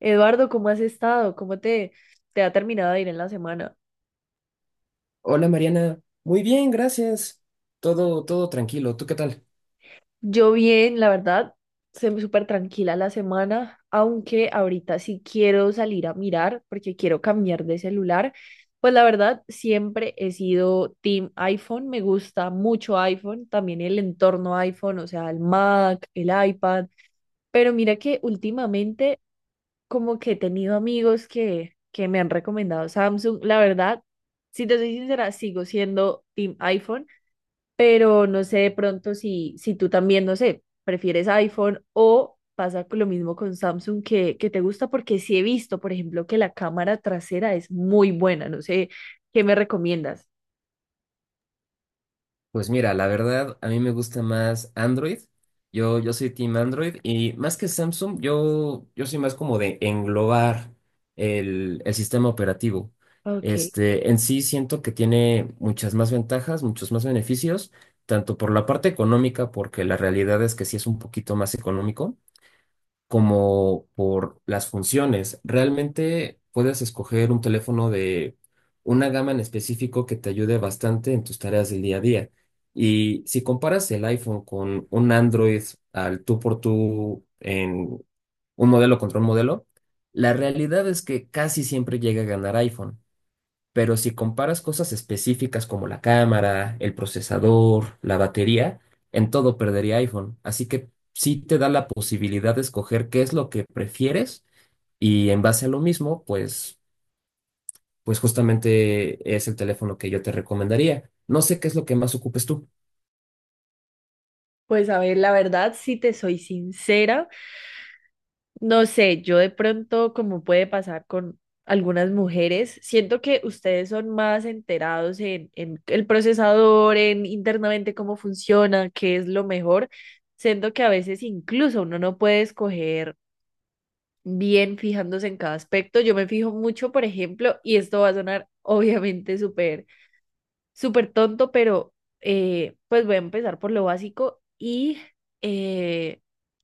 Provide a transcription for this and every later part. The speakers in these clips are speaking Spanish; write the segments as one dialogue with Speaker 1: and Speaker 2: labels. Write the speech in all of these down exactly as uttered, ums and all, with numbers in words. Speaker 1: Eduardo, ¿cómo has estado? ¿Cómo te, te ha terminado de ir en la semana?
Speaker 2: Hola Mariana, muy bien, gracias. Todo, todo tranquilo. ¿Tú qué tal?
Speaker 1: Yo bien, la verdad, se me súper tranquila la semana, aunque ahorita sí quiero salir a mirar porque quiero cambiar de celular. Pues la verdad, siempre he sido team iPhone, me gusta mucho iPhone, también el entorno iPhone, o sea, el Mac, el iPad, pero mira que últimamente como que he tenido amigos que, que me han recomendado Samsung. La verdad, si te soy sincera, sigo siendo Team iPhone, pero no sé de pronto si, si tú también, no sé, prefieres iPhone o pasa con lo mismo con Samsung que, que te gusta, porque sí he visto, por ejemplo, que la cámara trasera es muy buena. No sé, ¿qué me recomiendas?
Speaker 2: Pues mira, la verdad, a mí me gusta más Android. Yo, yo soy team Android y más que Samsung, yo, yo soy más como de englobar el, el sistema operativo.
Speaker 1: Ok,
Speaker 2: Este, en sí siento que tiene muchas más ventajas, muchos más beneficios, tanto por la parte económica, porque la realidad es que sí es un poquito más económico como por las funciones. Realmente puedes escoger un teléfono de una gama en específico que te ayude bastante en tus tareas del día a día. Y si comparas el iPhone con un Android al tú por tú en un modelo contra un modelo, la realidad es que casi siempre llega a ganar iPhone. Pero si comparas cosas específicas como la cámara, el procesador, la batería, en todo perdería iPhone. Así que sí te da la posibilidad de escoger qué es lo que prefieres y en base a lo mismo, pues, pues justamente es el teléfono que yo te recomendaría. No sé qué es lo que más ocupes tú.
Speaker 1: pues a ver, la verdad, si te soy sincera. No sé, yo de pronto, como puede pasar con algunas mujeres, siento que ustedes son más enterados en, en el procesador, en internamente cómo funciona, qué es lo mejor. Siento que a veces incluso uno no puede escoger bien fijándose en cada aspecto. Yo me fijo mucho, por ejemplo, y esto va a sonar obviamente súper súper tonto, pero eh, pues voy a empezar por lo básico y eh,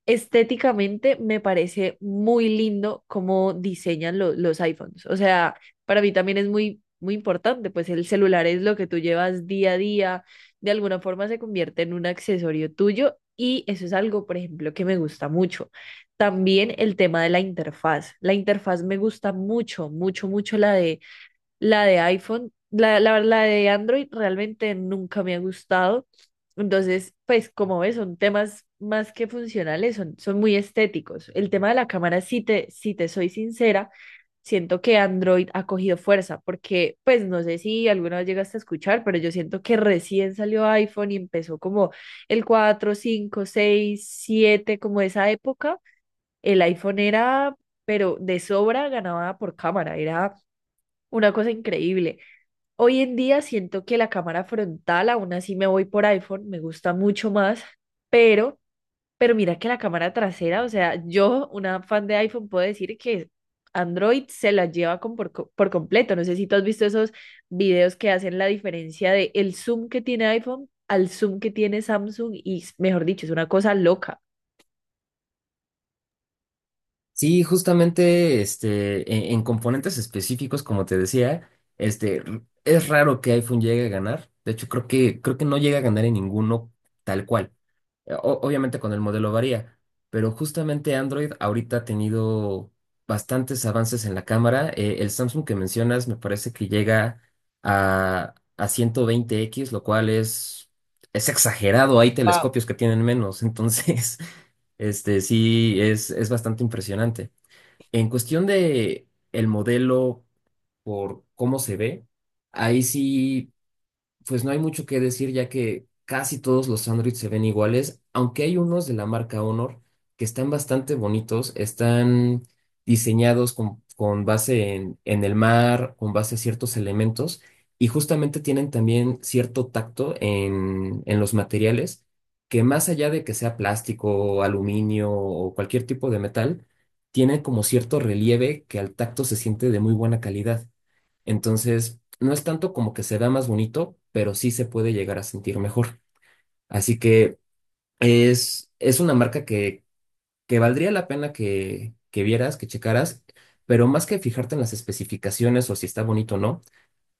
Speaker 1: estéticamente me parece muy lindo cómo diseñan lo- los iPhones. O sea, para mí también es muy, muy importante, pues el celular es lo que tú llevas día a día, de alguna forma se convierte en un accesorio tuyo y eso es algo, por ejemplo, que me gusta mucho. También el tema de la interfaz. La interfaz me gusta mucho, mucho, mucho la de la de iPhone, la, la, la de Android realmente nunca me ha gustado. Entonces, pues como ves, son temas más que funcionales, son, son muy estéticos. El tema de la cámara, si te, si te soy sincera, siento que Android ha cogido fuerza, porque pues no sé si alguna vez llegaste a escuchar, pero yo siento que recién salió iPhone y empezó como el cuatro, cinco, seis, siete como esa época, el iPhone era, pero de sobra ganaba por cámara, era una cosa increíble. Hoy en día siento que la cámara frontal, aún así me voy por iPhone, me gusta mucho más, pero, pero mira que la cámara trasera, o sea, yo, una fan de iPhone, puedo decir que Android se la lleva con por, co- por completo. No sé si tú has visto esos videos que hacen la diferencia de el zoom que tiene iPhone al zoom que tiene Samsung y, mejor dicho, es una cosa loca.
Speaker 2: Sí, justamente este, en, en componentes específicos, como te decía, este, r- es raro que iPhone llegue a ganar. De hecho, creo que, creo que no llega a ganar en ninguno tal cual. Eh, o- obviamente con el modelo varía, pero justamente Android ahorita ha tenido bastantes avances en la cámara. Eh, el Samsung que mencionas me parece que llega a, a ciento veinte x, lo cual es, es exagerado. Hay
Speaker 1: Wow.
Speaker 2: telescopios que tienen menos, entonces este sí es, es bastante impresionante. En cuestión de el modelo por cómo se ve, ahí sí. Pues no hay mucho que decir, ya que casi todos los Android se ven iguales, aunque hay unos de la marca Honor que están bastante bonitos, están diseñados con, con base en, en el mar, con base a ciertos elementos, y justamente tienen también cierto tacto en, en los materiales, que más allá de que sea plástico, aluminio o cualquier tipo de metal, tienen como cierto relieve que al tacto se siente de muy buena calidad. Entonces, no es tanto como que se vea más bonito, pero sí se puede llegar a sentir mejor. Así que es, es una marca que, que valdría la pena que, que vieras, que checaras, pero más que fijarte en las especificaciones o si está bonito o no,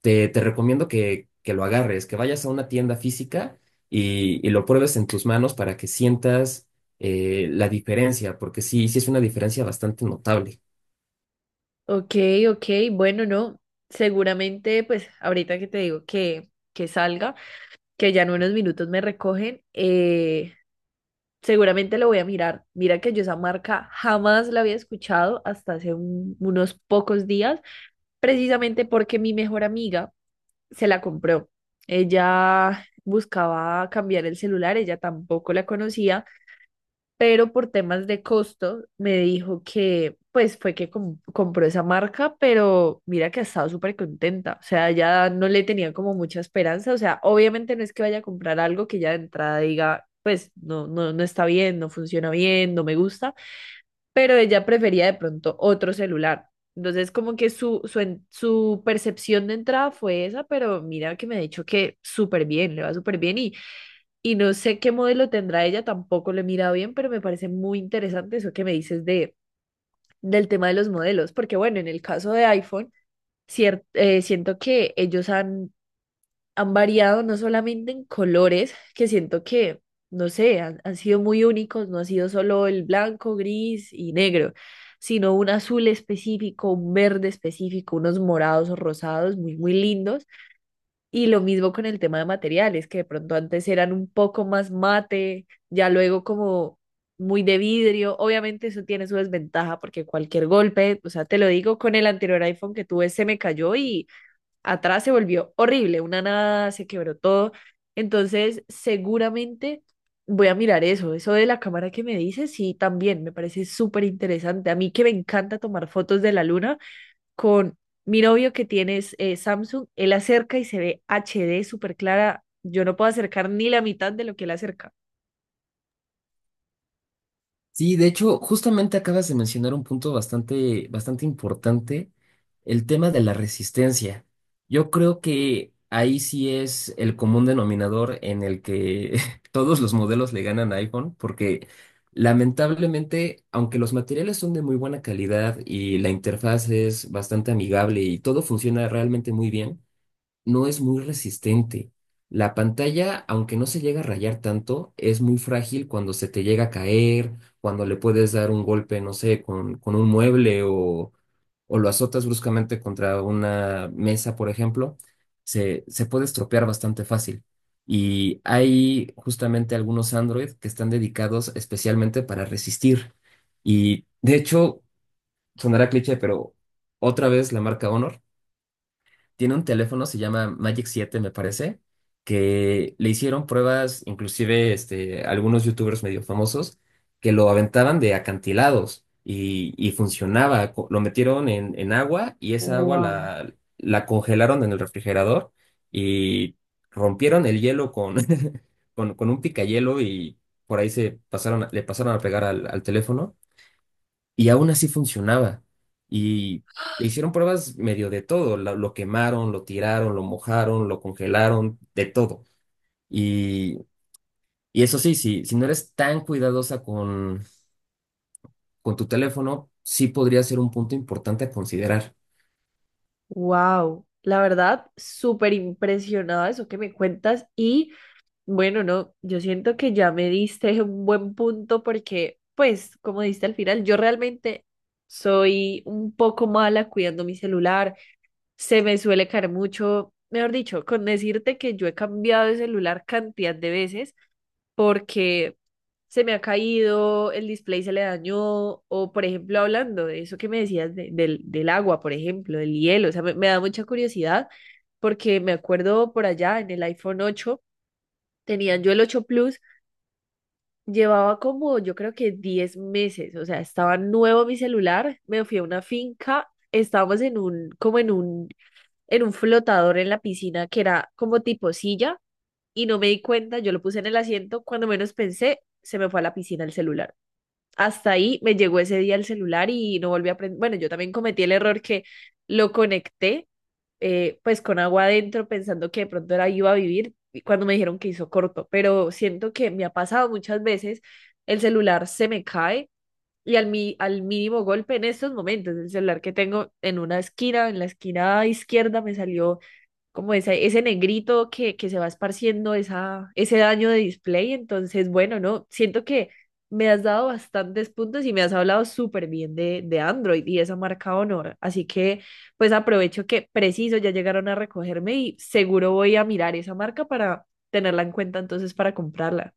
Speaker 2: te, te recomiendo que, que lo agarres, que vayas a una tienda física y, y lo pruebes en tus manos para que sientas eh, la diferencia, porque sí, sí es una diferencia bastante notable.
Speaker 1: Ok, ok, bueno, no, seguramente, pues ahorita que te digo que, que salga. Que ya en unos minutos me recogen, eh, seguramente lo voy a mirar. Mira que yo esa marca jamás la había escuchado hasta hace un- unos pocos días, precisamente porque mi mejor amiga se la compró. Ella buscaba cambiar el celular, ella tampoco la conocía pero por temas de costo me dijo que pues fue que com- compró esa marca, pero mira que ha estado súper contenta, o sea, ya no le tenía como mucha esperanza, o sea, obviamente no es que vaya a comprar algo que ya de entrada diga, pues no, no, no está bien, no funciona bien, no me gusta, pero ella prefería de pronto otro celular. Entonces, como que su, su, en- su percepción de entrada fue esa, pero mira que me ha dicho que súper bien, le va súper bien y y no sé qué modelo tendrá ella, tampoco lo he mirado bien, pero me parece muy interesante eso que me dices de, del tema de los modelos, porque bueno, en el caso de iPhone, cier- eh, siento que ellos han, han variado no solamente en colores, que siento que, no sé, han, han sido muy únicos, no ha sido solo el blanco, gris y negro, sino un azul específico, un verde específico, unos morados o rosados muy, muy lindos y lo mismo con el tema de materiales, que de pronto antes eran un poco más mate, ya luego como muy de vidrio. Obviamente eso tiene su desventaja porque cualquier golpe, o sea, te lo digo, con el anterior iPhone que tuve se me cayó y atrás se volvió horrible, una nada, se quebró todo. Entonces, seguramente voy a mirar eso, eso de la cámara que me dices, sí, también me parece súper interesante. A mí que me encanta tomar fotos de la luna con mi novio que tiene es, eh, Samsung, él acerca y se ve H D súper clara. Yo no puedo acercar ni la mitad de lo que él acerca.
Speaker 2: Sí, de hecho, justamente acabas de mencionar un punto bastante, bastante importante, el tema de la resistencia. Yo creo que ahí sí es el común denominador en el que todos los modelos le ganan a iPhone, porque lamentablemente, aunque los materiales son de muy buena calidad y la interfaz es bastante amigable y todo funciona realmente muy bien, no es muy resistente. La pantalla, aunque no se llega a rayar tanto, es muy frágil cuando se te llega a caer, cuando le puedes dar un golpe, no sé, con, con un mueble o, o lo azotas bruscamente contra una mesa, por ejemplo, se, se puede estropear bastante fácil. Y hay justamente algunos Android que están dedicados especialmente para resistir. Y de hecho, sonará cliché, pero otra vez la marca Honor. Tiene un teléfono, se llama Magic siete me parece, que le hicieron pruebas, inclusive este, algunos youtubers medio famosos, que lo aventaban de acantilados y, y funcionaba. Co- Lo metieron en, en agua y esa agua
Speaker 1: Wow.
Speaker 2: la, la congelaron en el refrigerador y rompieron el hielo con, con, con un picayelo y por ahí se pasaron, a- le pasaron a pegar al, al teléfono y aún así funcionaba. Y le hicieron pruebas medio de todo. la- Lo quemaron, lo tiraron, lo mojaron, lo congelaron, de todo. Y, y eso sí, si, si no eres tan cuidadosa con, con tu teléfono, sí podría ser un punto importante a considerar.
Speaker 1: Wow, la verdad, súper impresionada de eso que me cuentas y bueno, no, yo siento que ya me diste un buen punto porque pues como diste al final, yo realmente soy un poco mala cuidando mi celular, se me suele caer mucho, mejor dicho, con decirte que yo he cambiado de celular cantidad de veces porque se me ha caído, el display se le dañó, o por ejemplo, hablando de eso que me decías de- del, del agua, por ejemplo, del hielo, o sea, me, me da mucha curiosidad porque me acuerdo por allá en el iPhone ocho tenían yo el ocho Plus, llevaba como yo creo que diez meses, o sea, estaba nuevo mi celular, me fui a una finca, estábamos en un, como en un, en un flotador en la piscina que era como tipo silla y no me di cuenta, yo lo puse en el asiento, cuando menos pensé, se me fue a la piscina el celular. Hasta ahí me llegó ese día el celular y no volví a aprender. Bueno, yo también cometí el error que lo conecté eh, pues con agua adentro pensando que de pronto era iba a vivir y cuando me dijeron que hizo corto, pero siento que me ha pasado muchas veces, el celular se me cae y al, mi, al mínimo golpe en estos momentos, el celular que tengo en una esquina, en la esquina izquierda me salió como ese, ese negrito que, que se va esparciendo esa, ese daño de display. Entonces, bueno, no, siento que me has dado bastantes puntos y me has hablado súper bien de, de Android y esa marca Honor. Así que, pues aprovecho que preciso, ya llegaron a recogerme y seguro voy a mirar esa marca para tenerla en cuenta entonces para comprarla.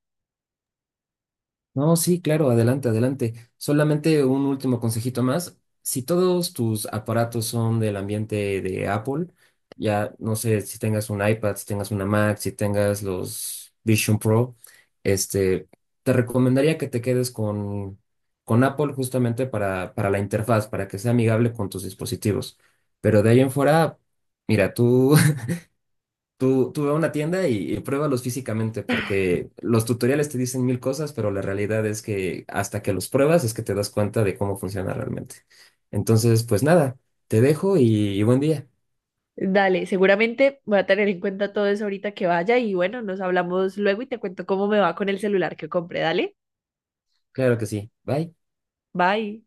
Speaker 2: No, sí, claro, adelante, adelante. Solamente un último consejito más. Si todos tus aparatos son del ambiente de Apple, ya no sé si tengas un iPad, si tengas una Mac, si tengas los Vision Pro, este, te recomendaría que te quedes con, con Apple justamente para, para la interfaz, para que sea amigable con tus dispositivos. Pero de ahí en fuera, mira, tú Tú, tú ve a una tienda y, y pruébalos físicamente, porque los tutoriales te dicen mil cosas, pero la realidad es que hasta que los pruebas es que te das cuenta de cómo funciona realmente. Entonces, pues nada, te dejo y y buen día.
Speaker 1: Dale, seguramente voy a tener en cuenta todo eso ahorita que vaya y bueno, nos hablamos luego y te cuento cómo me va con el celular que compré. Dale,
Speaker 2: Claro que sí. Bye.
Speaker 1: bye.